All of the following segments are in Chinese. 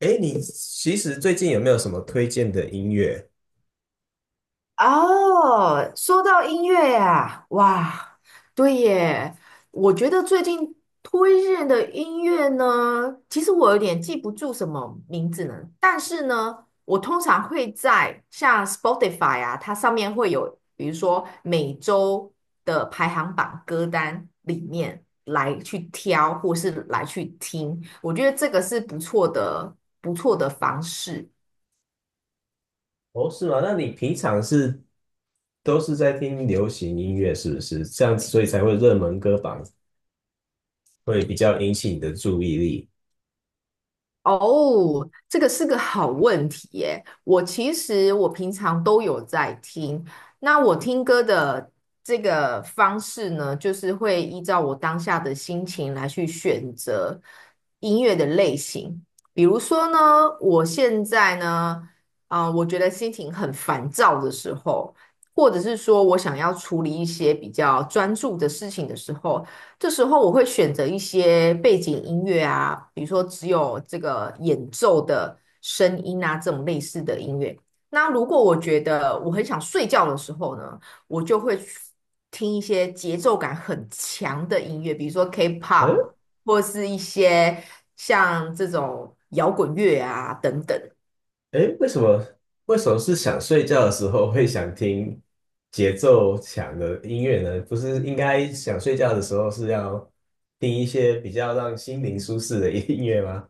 哎，你其实最近有没有什么推荐的音乐？哦，说到音乐呀，哇，对耶，我觉得最近推荐的音乐呢，其实我有点记不住什么名字呢，但是呢，我通常会在像 Spotify 啊，它上面会有，比如说每周的排行榜歌单里面来去挑，或是来去听，我觉得这个是不错的，方式。哦，是吗？那你平常都是在听流行音乐，是不是？这样子，所以才会热门歌榜会比较引起你的注意力。哦，这个是个好问题耶。我其实我平常都有在听，那我听歌的这个方式呢，就是会依照我当下的心情来去选择音乐的类型。比如说呢，我现在呢，啊、我觉得心情很烦躁的时候，或者是说我想要处理一些比较专注的事情的时候，这时候我会选择一些背景音乐啊，比如说只有这个演奏的声音啊，这种类似的音乐。那如果我觉得我很想睡觉的时候呢，我就会去听一些节奏感很强的音乐，比如说 K-pop 嗯，或是一些像这种摇滚乐啊等等。哎，为什么？为什么是想睡觉的时候会想听节奏强的音乐呢？不是应该想睡觉的时候是要听一些比较让心灵舒适的音乐吗？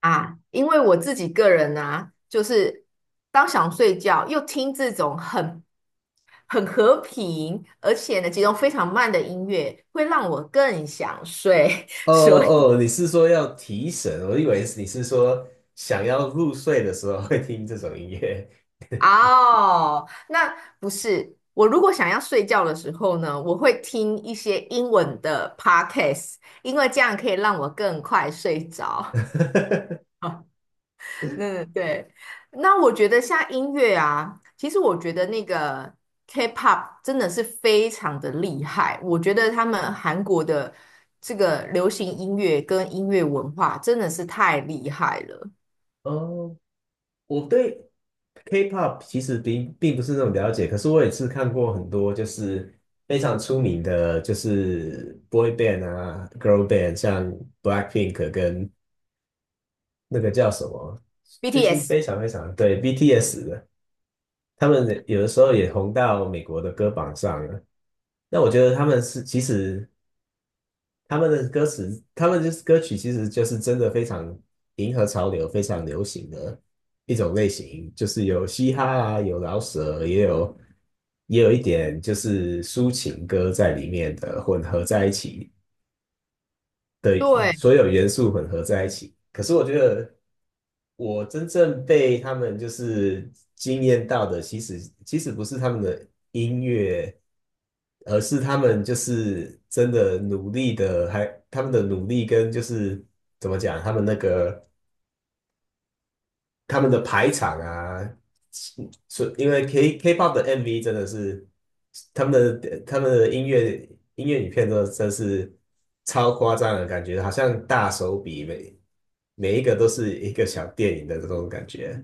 啊，因为我自己个人啊，就是当想睡觉又听这种很和平，而且呢节奏非常慢的音乐，会让我更想睡。哦所以哦，你是说要提神？我以为你是说想要入睡的时候会听这种音乐。哦，那不是我如果想要睡觉的时候呢，我会听一些英文的 podcast，因为这样可以让我更快睡着。嗯，对。那我觉得像音乐啊，其实我觉得那个 K-pop 真的是非常的厉害。我觉得他们韩国的这个流行音乐跟音乐文化真的是太厉害了。哦，我对 K-pop 其实并不是那么了解，可是我也是看过很多就是非常出名的，就是 boy band 啊，girl band,像 Blackpink 跟那个叫什么，最近 BTS，非常非常对 BTS 的，他们有的时候也红到美国的歌榜上了。那我觉得他们是其实他们的歌词，他们就是歌曲，其实就是真的非常迎合潮流、非常流行的一种类型，就是有嘻哈啊，有饶舌，也有一点就是抒情歌在里面的混合在一起。的对，所有元素混合在一起。可是我觉得，我真正被他们就是惊艳到的，其实不是他们的音乐，而是他们就是真的努力的，还他们的努力跟就是怎么讲，他们那个他们的排场啊，所因为 K-pop 的 MV 真的是他们他们的音乐影片都真是超夸张的感觉，好像大手笔每一个都是一个小电影的这种感觉。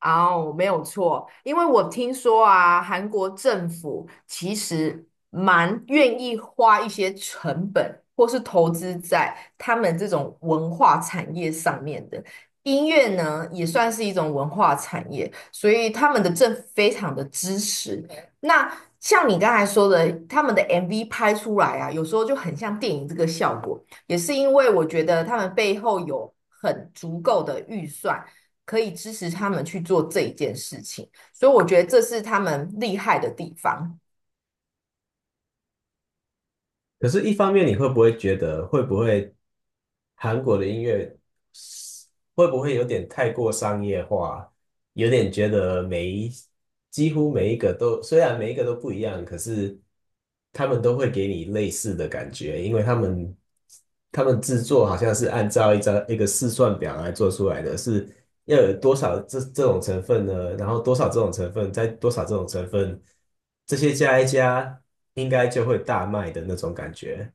哦，没有错，因为我听说啊，韩国政府其实蛮愿意花一些成本，或是投资在他们这种文化产业上面的。音乐呢，也算是一种文化产业，所以他们的政府非常的支持。那像你刚才说的，他们的 MV 拍出来啊，有时候就很像电影这个效果，也是因为我觉得他们背后有很足够的预算。可以支持他们去做这一件事情，所以我觉得这是他们厉害的地方。可是，一方面你会不会觉得会不会韩国的音乐会不会有点太过商业化？有点觉得几乎每一个都，虽然每一个都不一样，可是他们都会给你类似的感觉，因为他们制作好像是按照一个试算表来做出来的，是要有多少这种成分呢？然后多少这种成分，再多少这种成分，这些加一加，应该就会大卖的那种感觉。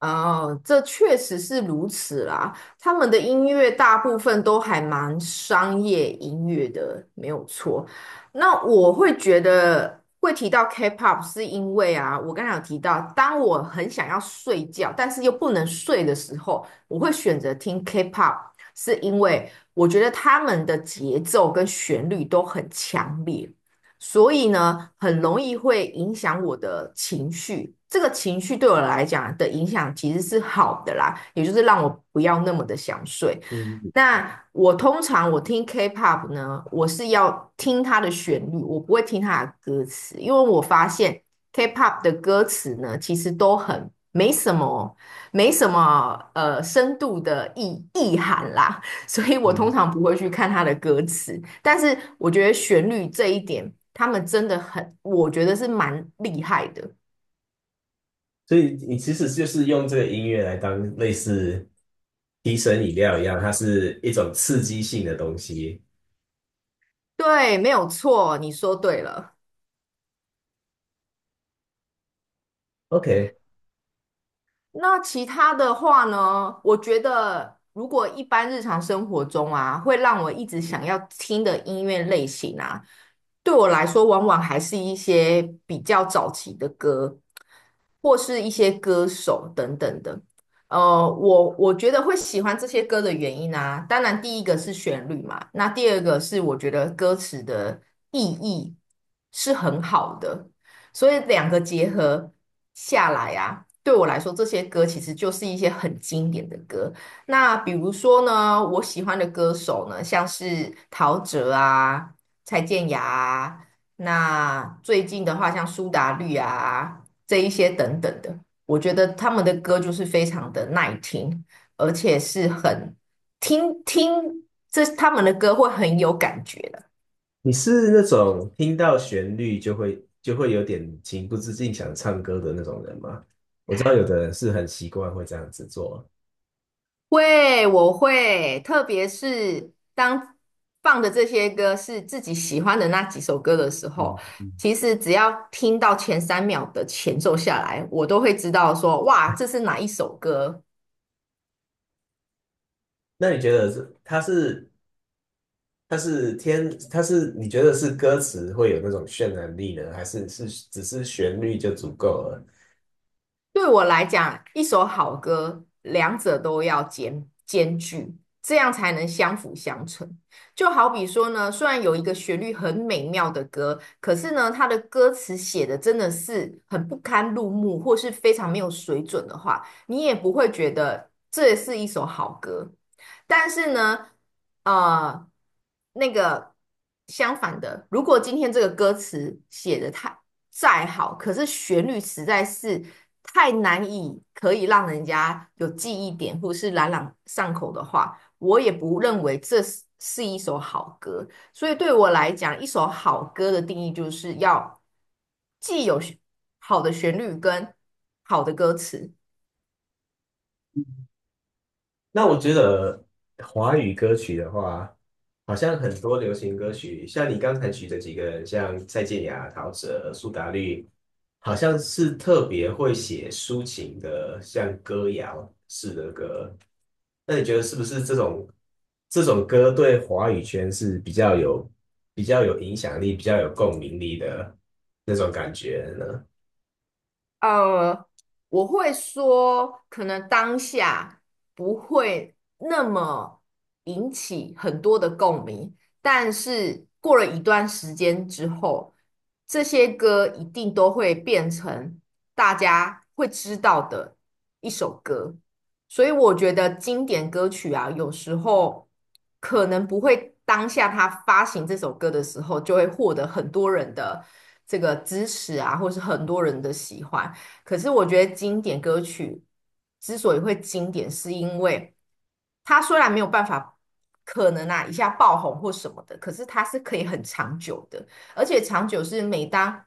哦，这确实是如此啦。他们的音乐大部分都还蛮商业音乐的，没有错。那我会觉得会提到 K-pop 是因为啊，我刚才有提到，当我很想要睡觉，但是又不能睡的时候，我会选择听 K-pop，是因为我觉得他们的节奏跟旋律都很强烈。所以呢，很容易会影响我的情绪。这个情绪对我来讲的影响其实是好的啦，也就是让我不要那么的想睡。嗯那我通常我听 K-pop 呢，我是要听它的旋律，我不会听它的歌词，因为我发现 K-pop 的歌词呢，其实都很没什么哦，没什么深度的意涵啦。所以我通嗯，常不会去看他的歌词，但是我觉得旋律这一点，他们真的很，我觉得是蛮厉害的。所以你其实就是用这个音乐来当类似提神饮料一样，它是一种刺激性的东西。对，没有错，你说对了。OK,那其他的话呢？我觉得，如果一般日常生活中啊，会让我一直想要听的音乐类型啊，对我来说，往往还是一些比较早期的歌，或是一些歌手等等的。呃，我觉得会喜欢这些歌的原因啊，当然第一个是旋律嘛，那第二个是我觉得歌词的意义是很好的，所以两个结合。下来啊，对我来说，这些歌其实就是一些很经典的歌。那比如说呢，我喜欢的歌手呢，像是陶喆啊、蔡健雅啊，那最近的话像苏打绿啊这一些等等的，我觉得他们的歌就是非常的耐听，而且是很听听这他们的歌会很有感觉你是那种听到旋律就会有点情不自禁想唱歌的那种人吗？我知道有的人是很习惯会这样子做。会，我会，特别是当放的这些歌是自己喜欢的那几首歌的时候，嗯嗯。其实只要听到前三秒的前奏下来，我都会知道说，哇，这是哪一首歌。那你觉得是它是它是天它是你觉得是歌词会有那种渲染力呢，还是只是旋律就足够了？对我来讲，一首好歌，两者都要兼具，这样才能相辅相成。就好比说呢，虽然有一个旋律很美妙的歌，可是呢，它的歌词写的真的是很不堪入目，或是非常没有水准的话，你也不会觉得这是一首好歌。但是呢，呃，那个相反的，如果今天这个歌词写的再好，可是旋律实在是太难以可以让人家有记忆点或是朗朗上口的话，我也不认为这是一首好歌。所以对我来讲，一首好歌的定义就是要既有旋好的旋律跟好的歌词。那我觉得华语歌曲的话，好像很多流行歌曲，像你刚才举的几个人，像蔡健雅、陶喆、苏打绿，好像是特别会写抒情的，像歌谣式的歌。那你觉得是不是这种歌对华语圈是比较有影响力、比较有共鸣力的那种感觉呢？呃，我会说，可能当下不会那么引起很多的共鸣，但是过了一段时间之后，这些歌一定都会变成大家会知道的一首歌。所以我觉得经典歌曲啊，有时候可能不会当下他发行这首歌的时候，就会获得很多人的这个支持啊，或是很多人的喜欢。可是我觉得经典歌曲之所以会经典，是因为它虽然没有办法，可能啊一下爆红或什么的，可是它是可以很长久的，而且长久是每当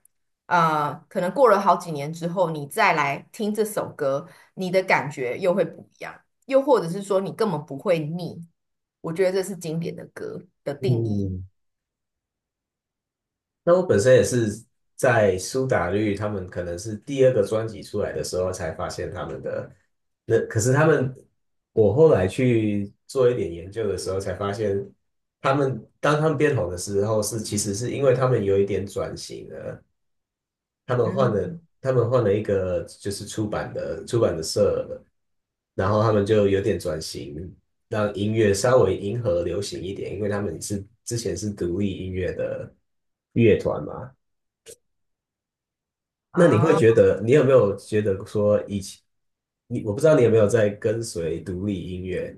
可能过了好几年之后，你再来听这首歌，你的感觉又会不一样，又或者是说你根本不会腻。我觉得这是经典的歌的定义。嗯。那我本身也是在苏打绿他们可能是第二个专辑出来的时候才发现他们的，那可是他们，我后来去做一点研究的时候才发现，当他们变红的时候其实是因为他们有一点转型了，他们换了嗯，他们换了一个就是出版的社了，然后他们就有点转型，让音乐稍微迎合流行一点，因为他们之前是独立音乐的乐团嘛。那你会觉啊。得，你有没有觉得说以前，我不知道你有没有在跟随独立音乐，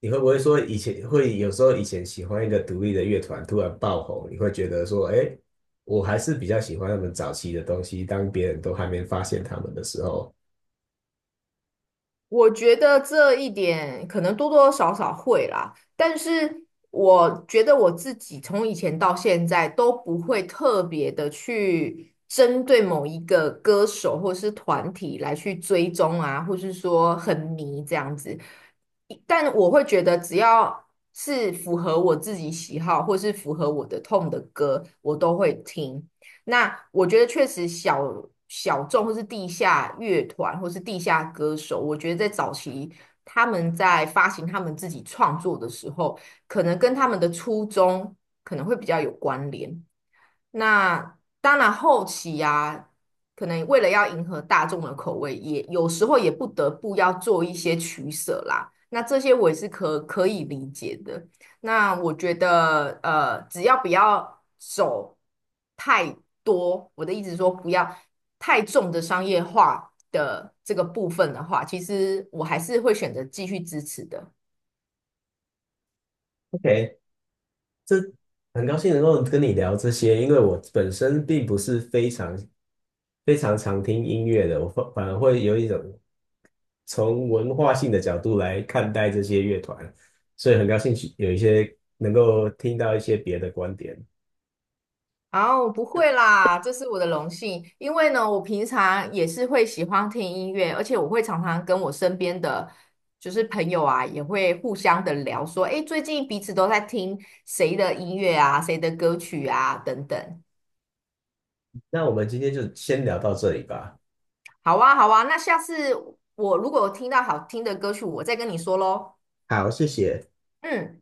你会不会说以前会有时候以前喜欢一个独立的乐团突然爆红，你会觉得说，哎，我还是比较喜欢他们早期的东西，当别人都还没发现他们的时候我觉得这一点可能多多少少会啦，但是我觉得我自己从以前到现在都不会特别的去针对某一个歌手或是团体来去追踪啊，或是说很迷这样子。但我会觉得，只要是符合我自己喜好或是符合我的痛的歌，我都会听。那我觉得确实小众或是地下乐团或是地下歌手，我觉得在早期他们在发行他们自己创作的时候，可能跟他们的初衷可能会比较有关联。那当然后期啊，可能为了要迎合大众的口味，也有时候也不得不要做一些取舍啦。那这些我也是可以理解的。那我觉得，呃，只要不要走太多，我的意思是说不要太重的商业化的这个部分的话，其实我还是会选择继续支持的。，OK,这很高兴能够跟你聊这些，因为我本身并不是非常非常常听音乐的，我反而会有一种。从文化性的角度来看待这些乐团，所以很高兴有一些能够听到一些别的观点。啊，我不会啦，这是我的荣幸。因为呢，我平常也是会喜欢听音乐，而且我会常常跟我身边的就是朋友啊，也会互相的聊说，诶，最近彼此都在听谁的音乐啊，谁的歌曲啊，等等。那我们今天就先聊到这里吧。好啊，好啊，那下次我如果有听到好听的歌曲，我再跟你说喽。好，谢谢。嗯。